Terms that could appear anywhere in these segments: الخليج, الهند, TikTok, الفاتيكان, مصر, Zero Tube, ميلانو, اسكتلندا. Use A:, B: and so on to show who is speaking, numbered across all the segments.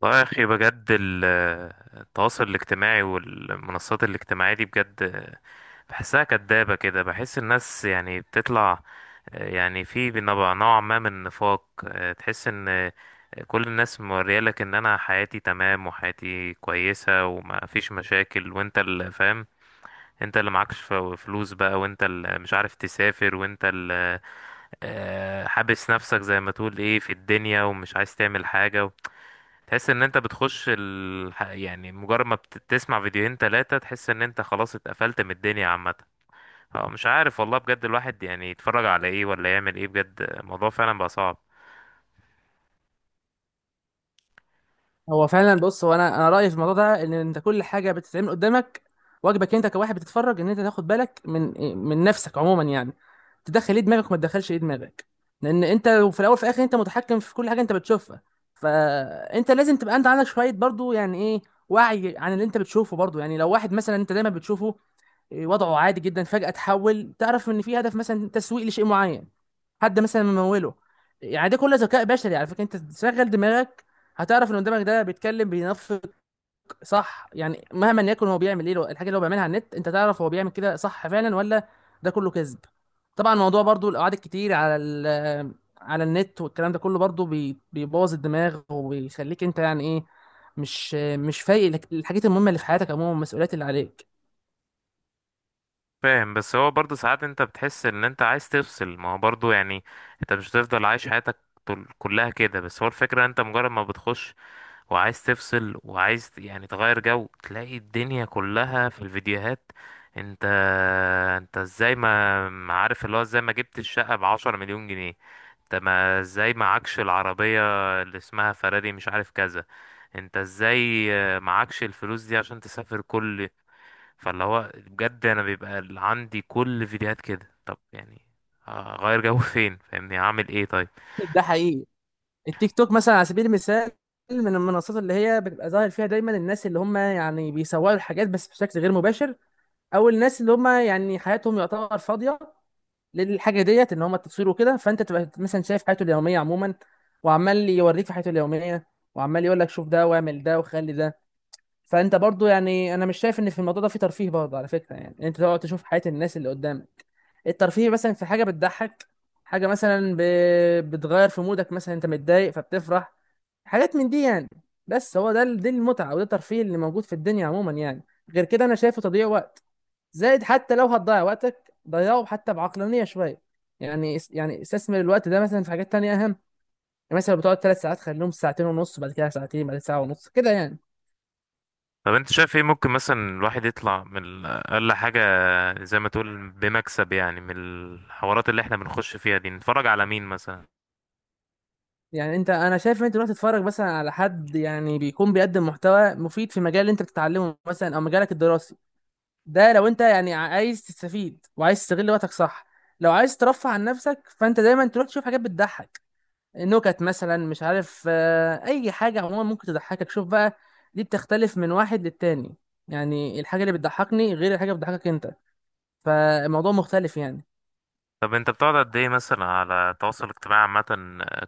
A: والله يا أخي بجد التواصل الاجتماعي والمنصات الاجتماعية دي بجد بحسها كدابة كده، بحس الناس يعني بتطلع، يعني في نوع ما من النفاق. تحس ان كل الناس موريالك ان انا حياتي تمام وحياتي كويسة وما فيش مشاكل، وانت اللي فاهم. انت اللي معكش فلوس بقى، وانت اللي مش عارف تسافر، وانت اللي حابس نفسك زي ما تقول ايه في الدنيا، ومش عايز تعمل حاجة. تحس ان انت بتخش يعني مجرد ما بتسمع فيديوهين تلاتة تحس ان انت خلاص اتقفلت من الدنيا عامة. اه، مش عارف والله، بجد الواحد يعني يتفرج على ايه ولا يعمل ايه؟ بجد الموضوع فعلا بقى صعب.
B: هو فعلا، بص، هو انا رايي في الموضوع ده ان انت كل حاجه بتتعمل قدامك، واجبك انت كواحد بتتفرج ان انت تاخد بالك من نفسك عموما، يعني تدخل ايه دماغك وما تدخلش ايه دماغك، لان انت في الاول وفي الاخر انت متحكم في كل حاجه انت بتشوفها. فانت لازم تبقى انت عندك شويه برضو، يعني ايه، وعي عن اللي انت بتشوفه برضو. يعني لو واحد مثلا انت دايما بتشوفه وضعه عادي جدا، فجأة تحول، تعرف ان في هدف مثلا تسويق لشيء معين، حد مثلا مموله. يعني ده كله ذكاء بشري على فكرة. انت تشغل دماغك هتعرف ان قدامك ده بيتكلم بينفق، صح؟ يعني مهما يكن هو بيعمل ايه، الحاجة اللي هو بيعملها على النت انت تعرف هو بيعمل كده صح فعلا ولا ده كله كذب. طبعا الموضوع برضو القعاد الكتير على على النت والكلام ده كله برضو بيبوظ الدماغ وبيخليك انت يعني ايه، مش فايق الحاجات المهمة اللي في حياتك عموما والمسؤوليات اللي عليك.
A: فاهم، بس هو برضه ساعات انت بتحس ان انت عايز تفصل، ما هو برضه يعني انت مش هتفضل عايش حياتك كلها كده. بس هو الفكرة، انت مجرد ما بتخش وعايز تفصل وعايز يعني تغير جو، تلاقي الدنيا كلها في الفيديوهات. انت انت ازاي ما عارف، اللي هو ازاي ما جبت الشقة ب10 مليون جنيه؟ انت، ما ازاي معكش العربية اللي اسمها فراري مش عارف كذا؟ انت ازاي معكش الفلوس دي عشان تسافر كل؟ فاللي هو بجد، انا بيبقى عندي كل فيديوهات كده، طب يعني هغير جو فين؟ فاهمني اعمل ايه طيب؟
B: ده حقيقي. التيك توك مثلا على سبيل المثال، من المنصات اللي هي بتبقى ظاهر فيها دايما الناس اللي هم يعني بيسوقوا الحاجات بس بشكل غير مباشر، او الناس اللي هم يعني حياتهم يعتبر فاضيه للحاجه ديت ان هم التصوير وكده. فانت تبقى مثلا شايف حياته اليوميه عموما، وعمال يوريك في حياته اليوميه، وعمال يقول لك شوف ده واعمل ده وخلي ده. فانت برضو، يعني انا مش شايف ان في الموضوع ده في ترفيه برضه، على فكره. يعني انت تقعد تشوف حياه الناس اللي قدامك. الترفيه مثلا في حاجه بتضحك، حاجه مثلا بتغير في مودك، مثلا انت متضايق فبتفرح، حاجات من دي يعني. بس هو ده دي المتعه وده الترفيه اللي موجود في الدنيا عموما يعني. غير كده انا شايفه تضييع وقت. زائد، حتى لو هتضيع وقتك ضيعه حتى بعقلانيه شويه. يعني يعني استثمر الوقت ده مثلا في حاجات تانية اهم. يعني مثلا لو بتقعد ثلاث ساعات خليهم ساعتين ونص، بعد كده ساعتين، بعد كده ساعه ونص كده يعني.
A: طب انت شايف ايه؟ ممكن مثلا الواحد يطلع من اقل حاجة زي ما تقول بمكسب، يعني من الحوارات اللي احنا بنخش فيها دي نتفرج على مين مثلا؟
B: يعني انت، انا شايف ان انت تروح تتفرج مثلا على حد يعني بيكون بيقدم محتوى مفيد في مجال اللي انت بتتعلمه مثلا او مجالك الدراسي. ده لو انت يعني عايز تستفيد وعايز تستغل وقتك صح. لو عايز ترفه عن نفسك فانت دايما تروح تشوف حاجات بتضحك، نكت مثلا، مش عارف، اي حاجه عموما ممكن تضحكك. شوف بقى، دي بتختلف من واحد للتاني. يعني الحاجه اللي بتضحكني غير الحاجه اللي بتضحكك انت. فالموضوع مختلف يعني.
A: طب انت بتقعد قد ايه مثلا على التواصل الاجتماعي عامة،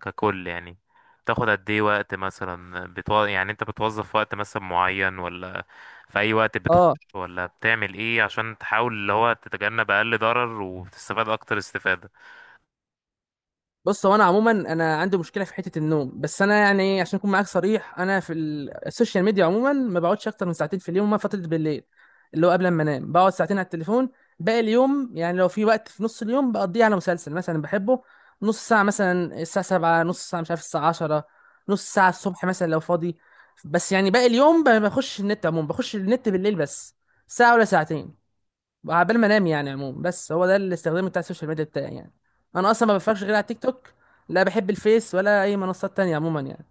A: ككل يعني؟ بتاخد قد ايه وقت مثلا يعني انت بتوظف وقت مثلا معين، ولا في اي وقت بتخش،
B: اه.
A: ولا بتعمل ايه عشان تحاول اللي هو تتجنب اقل ضرر وتستفاد اكتر استفادة؟
B: بص، هو انا عموما انا عندي مشكله في حته النوم، بس انا يعني عشان اكون معاك صريح، انا في السوشيال ميديا عموما ما بقعدش اكتر من ساعتين في اليوم، ما فتره بالليل اللي هو قبل ما انام بقعد ساعتين على التليفون. باقي اليوم يعني لو في وقت في نص اليوم بقضيه على مسلسل مثلا بحبه، نص ساعه مثلا الساعه 7، نص ساعه مش عارف الساعه 10، نص ساعه الصبح مثلا لو فاضي. بس يعني باقي اليوم بخش النت عموما، بخش النت بالليل بس، ساعه ولا ساعتين عبال ما انام يعني. عموما بس هو ده الاستخدام بتاع السوشيال ميديا بتاعي يعني. انا اصلا ما بفرجش غير على تيك توك، لا بحب الفيس ولا اي منصات تانية عموما يعني.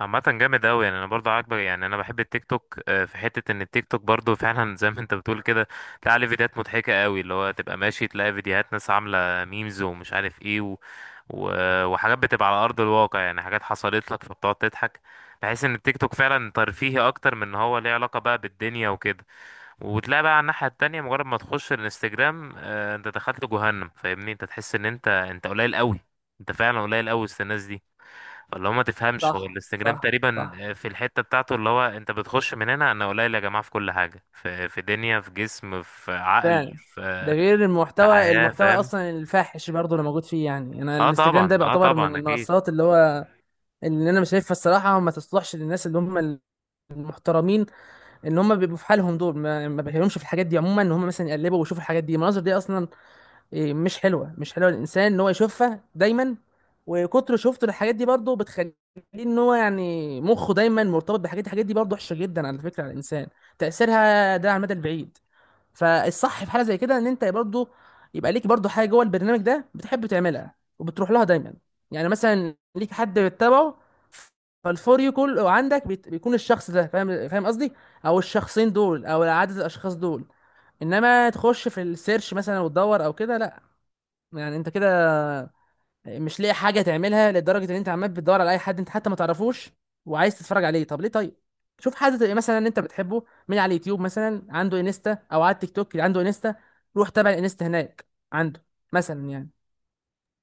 A: عامة جامد أوي، يعني أنا برضه عاجبك، يعني أنا بحب التيك توك. في حتة إن التيك توك برضه فعلا زي ما أنت بتقول كده. تلاقي عليه فيديوهات مضحكة أوي، اللي هو تبقى ماشي تلاقي فيديوهات، ناس عاملة ميمز ومش عارف إيه، و... وحاجات بتبقى على أرض الواقع، يعني حاجات حصلت لك فبتقعد تضحك. بحس إن التيك توك فعلا ترفيهي أكتر من إن هو ليه علاقة بقى بالدنيا وكده. وتلاقي بقى على الناحية التانية، مجرد ما تخش الانستجرام أنت دخلت جهنم، فاهمني؟ أنت تحس إن أنت قليل أوي. أنت فعلا قليل أوي وسط الناس دي. اللي هو ما تفهمش، هو
B: صح،
A: الانستجرام
B: صح،
A: تقريبا
B: صح.
A: في الحتة بتاعته، اللي هو انت بتخش من هنا انا قليل يا جماعة في كل حاجة، في دنيا، في جسم، في عقل،
B: فعلا. ده
A: في
B: غير
A: في
B: المحتوى،
A: حياة،
B: المحتوى
A: فاهم؟
B: اصلا الفاحش برضه اللي موجود فيه. يعني انا
A: اه
B: الانستجرام ده
A: طبعا، اه
B: بيعتبر من
A: طبعا، اكيد.
B: المنصات اللي هو اللي انا مش شايفها الصراحه ما تصلحش للناس اللي هم المحترمين، اللي هم بيبقوا في حالهم دول، ما بيهمهمش في الحاجات دي عموما ان هم مثلا يقلبوا ويشوفوا الحاجات دي، المناظر دي اصلا مش حلوه، مش حلوه للانسان ان هو يشوفها دايما. وكتر شفته الحاجات دي برضه بتخليه ان هو يعني مخه دايما مرتبط بحاجات، الحاجات دي برضه وحشه جدا على فكره على الانسان، تاثيرها ده على المدى البعيد. فالصح في حاله زي كده ان انت برضه يبقى ليك برضه حاجه جوه البرنامج ده بتحب تعملها وبتروح لها دايما. يعني مثلا ليك حد بتتابعه، فالفور يو كله عندك بيكون الشخص ده، فاهم فاهم قصدي، او الشخصين دول او عدد الاشخاص دول. انما تخش في السيرش مثلا وتدور او كده، لا. يعني انت كده مش لاقي حاجه تعملها لدرجه ان انت عمال بتدور على اي حد انت حتى ما تعرفوش وعايز تتفرج عليه؟ طب ليه؟ طيب شوف حد تبقى مثلا انت بتحبه من على اليوتيوب مثلا عنده انستا، او على التيك توك اللي عنده انستا، روح تابع الانستا هناك عنده مثلا يعني.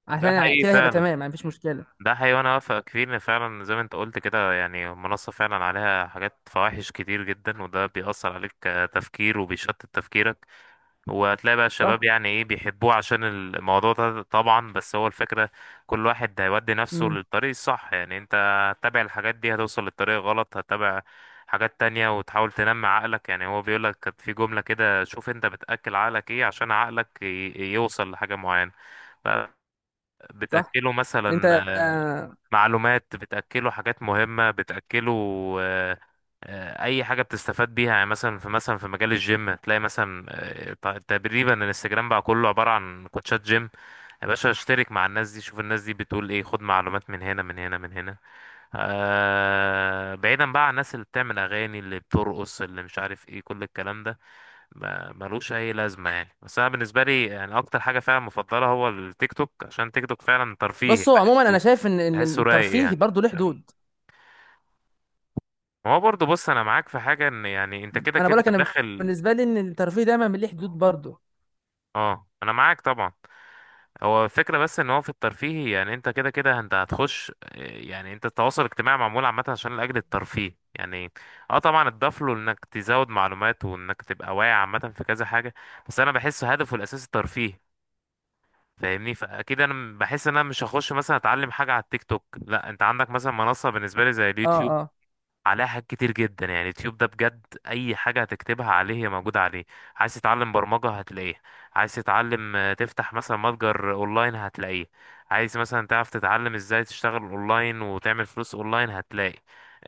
B: عشان
A: ده
B: ع-
A: حقيقي
B: كده هيبقى تمام
A: فعلا،
B: يعني، مفيش مشكله.
A: ده حقيقي، وانا اوافقك فيه، ان فعلا زي ما انت قلت كده يعني المنصة فعلا عليها حاجات فواحش كتير جدا، وده بيأثر عليك كتفكير وبيشتت تفكيرك. وهتلاقي بقى الشباب
B: صح.
A: يعني ايه بيحبوه عشان الموضوع ده طبعا، بس هو الفكرة، كل واحد هيودي نفسه
B: امم.
A: للطريق الصح. يعني انت هتتابع الحاجات دي هتوصل للطريق غلط، هتتابع حاجات تانية وتحاول تنمي عقلك. يعني هو بيقولك كانت في جملة كده، شوف انت بتأكل عقلك ايه عشان عقلك يوصل لحاجة معينة.
B: صح.
A: بتأكله مثلا
B: انت
A: معلومات، بتأكله حاجات مهمة، بتأكله آه، أي حاجة بتستفاد بيها. يعني مثلا في، مثلا في مجال الجيم تلاقي مثلا تقريبا الانستجرام بقى كله عبارة عن كوتشات جيم. يا باشا اشترك مع الناس دي، شوف الناس دي بتقول ايه، خد معلومات من هنا، من هنا، من هنا. آه، بعيدا بقى عن الناس اللي بتعمل أغاني، اللي بترقص، اللي مش عارف ايه، كل الكلام ده ملوش اي لازمه يعني. بس انا بالنسبه لي، يعني اكتر حاجه فعلا مفضله هو التيك توك، عشان تيك توك فعلا ترفيه
B: بصوا عموما
A: بحسه،
B: انا شايف ان
A: بحسه رايق
B: الترفيه
A: يعني.
B: برضه له حدود.
A: ما هو برضه، بص انا معاك في حاجه، ان يعني انت كده
B: انا بقول
A: كده
B: لك، انا
A: داخل.
B: بالنسبه لي ان الترفيه دايما ليه حدود برضه.
A: اه، انا معاك طبعا. هو الفكره بس ان هو في الترفيه، يعني انت كده كده انت هتخش، يعني انت التواصل الاجتماعي معمول عامه عشان لاجل الترفيه يعني. اه طبعا، اتضاف له انك تزود معلومات وانك تبقى واعي عامه في كذا حاجه، بس انا بحس هدفه الاساسي الترفيه، فاهمني؟ فاكيد انا بحس ان انا مش هخش مثلا اتعلم حاجه على التيك توك. لا، انت عندك مثلا منصه بالنسبه لي زي
B: اه،
A: اليوتيوب،
B: اه،
A: عليها حاجات كتير جدا. يعني اليوتيوب ده بجد اي حاجه هتكتبها عليه هي موجوده عليه. عايز تتعلم برمجه، هتلاقيه. عايز تتعلم تفتح مثلا متجر اونلاين، هتلاقيه. عايز مثلا تعرف تتعلم ازاي تشتغل اونلاين وتعمل فلوس اونلاين، هتلاقي.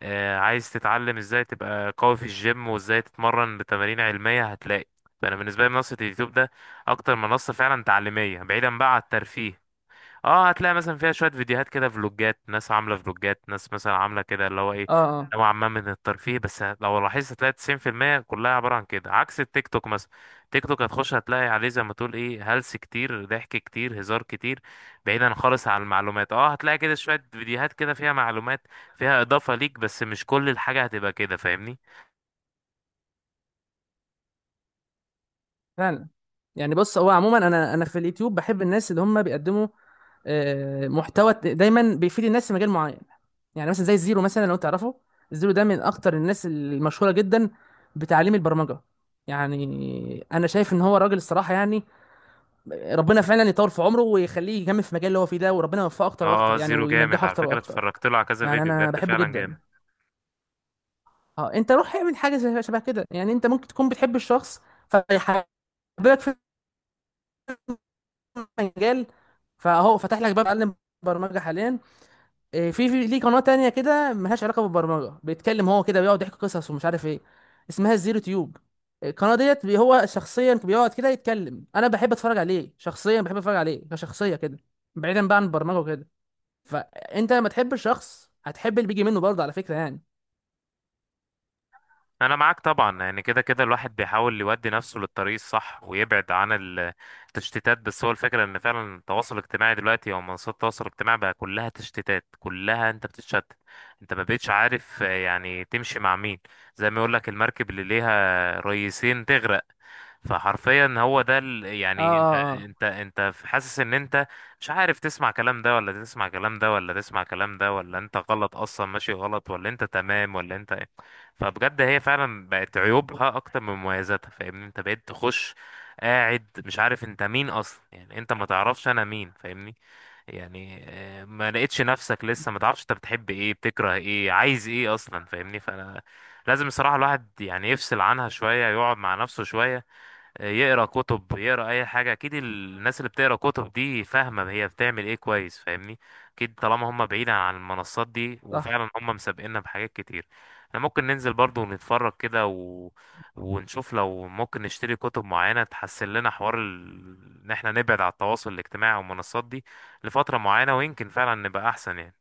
A: عايز تتعلم ازاي تبقى قوي في الجيم وازاي تتمرن بتمارين علميه، هتلاقي. فانا بالنسبه لي منصه اليوتيوب ده اكتر منصه فعلا تعليميه، بعيدا بقى عن الترفيه. اه، هتلاقي مثلا فيها شوية فيديوهات كده، فلوجات، ناس عاملة فلوجات، ناس مثلا عاملة كده اللي هو ايه،
B: اه. آه.
A: نوعا ما من الترفيه. بس لو لاحظت هتلاقي 90% كلها عبارة عن كده، عكس التيك توك مثلا. تيك توك هتخش هتلاقي عليه زي ما تقول ايه، هلس كتير، ضحك كتير، هزار كتير، بعيدا خالص عن المعلومات. اه، هتلاقي كده شوية فيديوهات كده فيها معلومات، فيها إضافة ليك، بس مش كل الحاجة هتبقى كده، فاهمني؟
B: فعلا. يعني بص، هو عموما انا في اليوتيوب بحب الناس اللي هم بيقدموا محتوى دايما بيفيد الناس في مجال معين. يعني مثلا زي الزيرو مثلا لو تعرفه. الزيرو ده من اكتر الناس المشهوره جدا بتعليم البرمجه. يعني انا شايف ان هو راجل الصراحه، يعني ربنا فعلا يطول في عمره ويخليه يكمل في المجال اللي هو فيه ده، وربنا يوفقه اكتر
A: اه،
B: واكتر يعني
A: زيرو جامد
B: وينجحه
A: على
B: اكتر
A: فكرة،
B: واكتر.
A: اتفرجت له على كذا
B: يعني
A: فيديو،
B: انا
A: بجد
B: بحبه
A: فعلا جامد.
B: جدا. اه، انت روح اعمل حاجه شبه كده. يعني انت ممكن تكون بتحب الشخص فيحببك في مجال، فهو فتح لك باب اتعلم برمجه حاليا. في ليه قناه تانية كده ملهاش علاقه بالبرمجه، بيتكلم هو كده بيقعد يحكي قصص ومش عارف ايه، اسمها الزيرو تيوب. القناه ديت هو شخصيا بيقعد كده يتكلم، انا بحب اتفرج عليه شخصيا، بحب اتفرج عليه كشخصيه كده، بعيدا بقى عن البرمجه وكده. فانت لما تحب الشخص هتحب اللي بيجي منه برضه، على فكره يعني.
A: انا معاك طبعا، يعني كده كده الواحد بيحاول يودي نفسه للطريق الصح ويبعد عن التشتيتات. بس هو الفكره ان فعلا التواصل الاجتماعي دلوقتي، او منصات التواصل الاجتماعي بقى كلها تشتيتات، كلها انت بتتشتت. انت ما بقتش عارف يعني تمشي مع مين، زي ما يقول لك المركب اللي ليها ريسين تغرق. فحرفيا هو ده،
B: اه،
A: يعني انت
B: اه، اه.
A: انت انت حاسس ان انت مش عارف تسمع كلام ده، ولا تسمع كلام ده، ولا تسمع كلام ده، ولا انت غلط اصلا ماشي غلط، ولا انت تمام، ولا انت ايه؟ فبجد هي فعلا بقت عيوبها اكتر من مميزاتها، فاهمني؟ انت بقيت تخش قاعد مش عارف انت مين اصلا، يعني انت ما تعرفش انا مين، فاهمني؟ يعني ما لقيتش نفسك، لسه ما تعرفش انت بتحب ايه، بتكره ايه، عايز ايه اصلا، فاهمني؟ فانا لازم الصراحة الواحد يعني يفصل عنها شوية، يقعد مع نفسه شوية، يقرا كتب، يقرا اي حاجه. اكيد الناس اللي بتقرا كتب دي فاهمه هي بتعمل ايه كويس، فاهمني؟ اكيد طالما هم بعيد عن المنصات دي،
B: صح.
A: وفعلا هم مسابقيننا بحاجات كتير. احنا ممكن ننزل برضو ونتفرج كده ونشوف لو ممكن نشتري كتب معينه، تحسن لنا حوار ان احنا نبعد على التواصل الاجتماعي والمنصات دي لفتره معينه، ويمكن فعلا نبقى احسن يعني.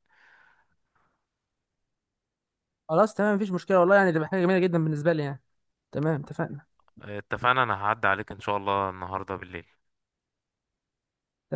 B: خلاص، تمام، مفيش مشكله والله. يعني دي حاجه جميله جدا بالنسبه لي يعني. تمام، اتفقنا.
A: اتفقنا، انا هعدي عليك ان شاء الله النهارده بالليل.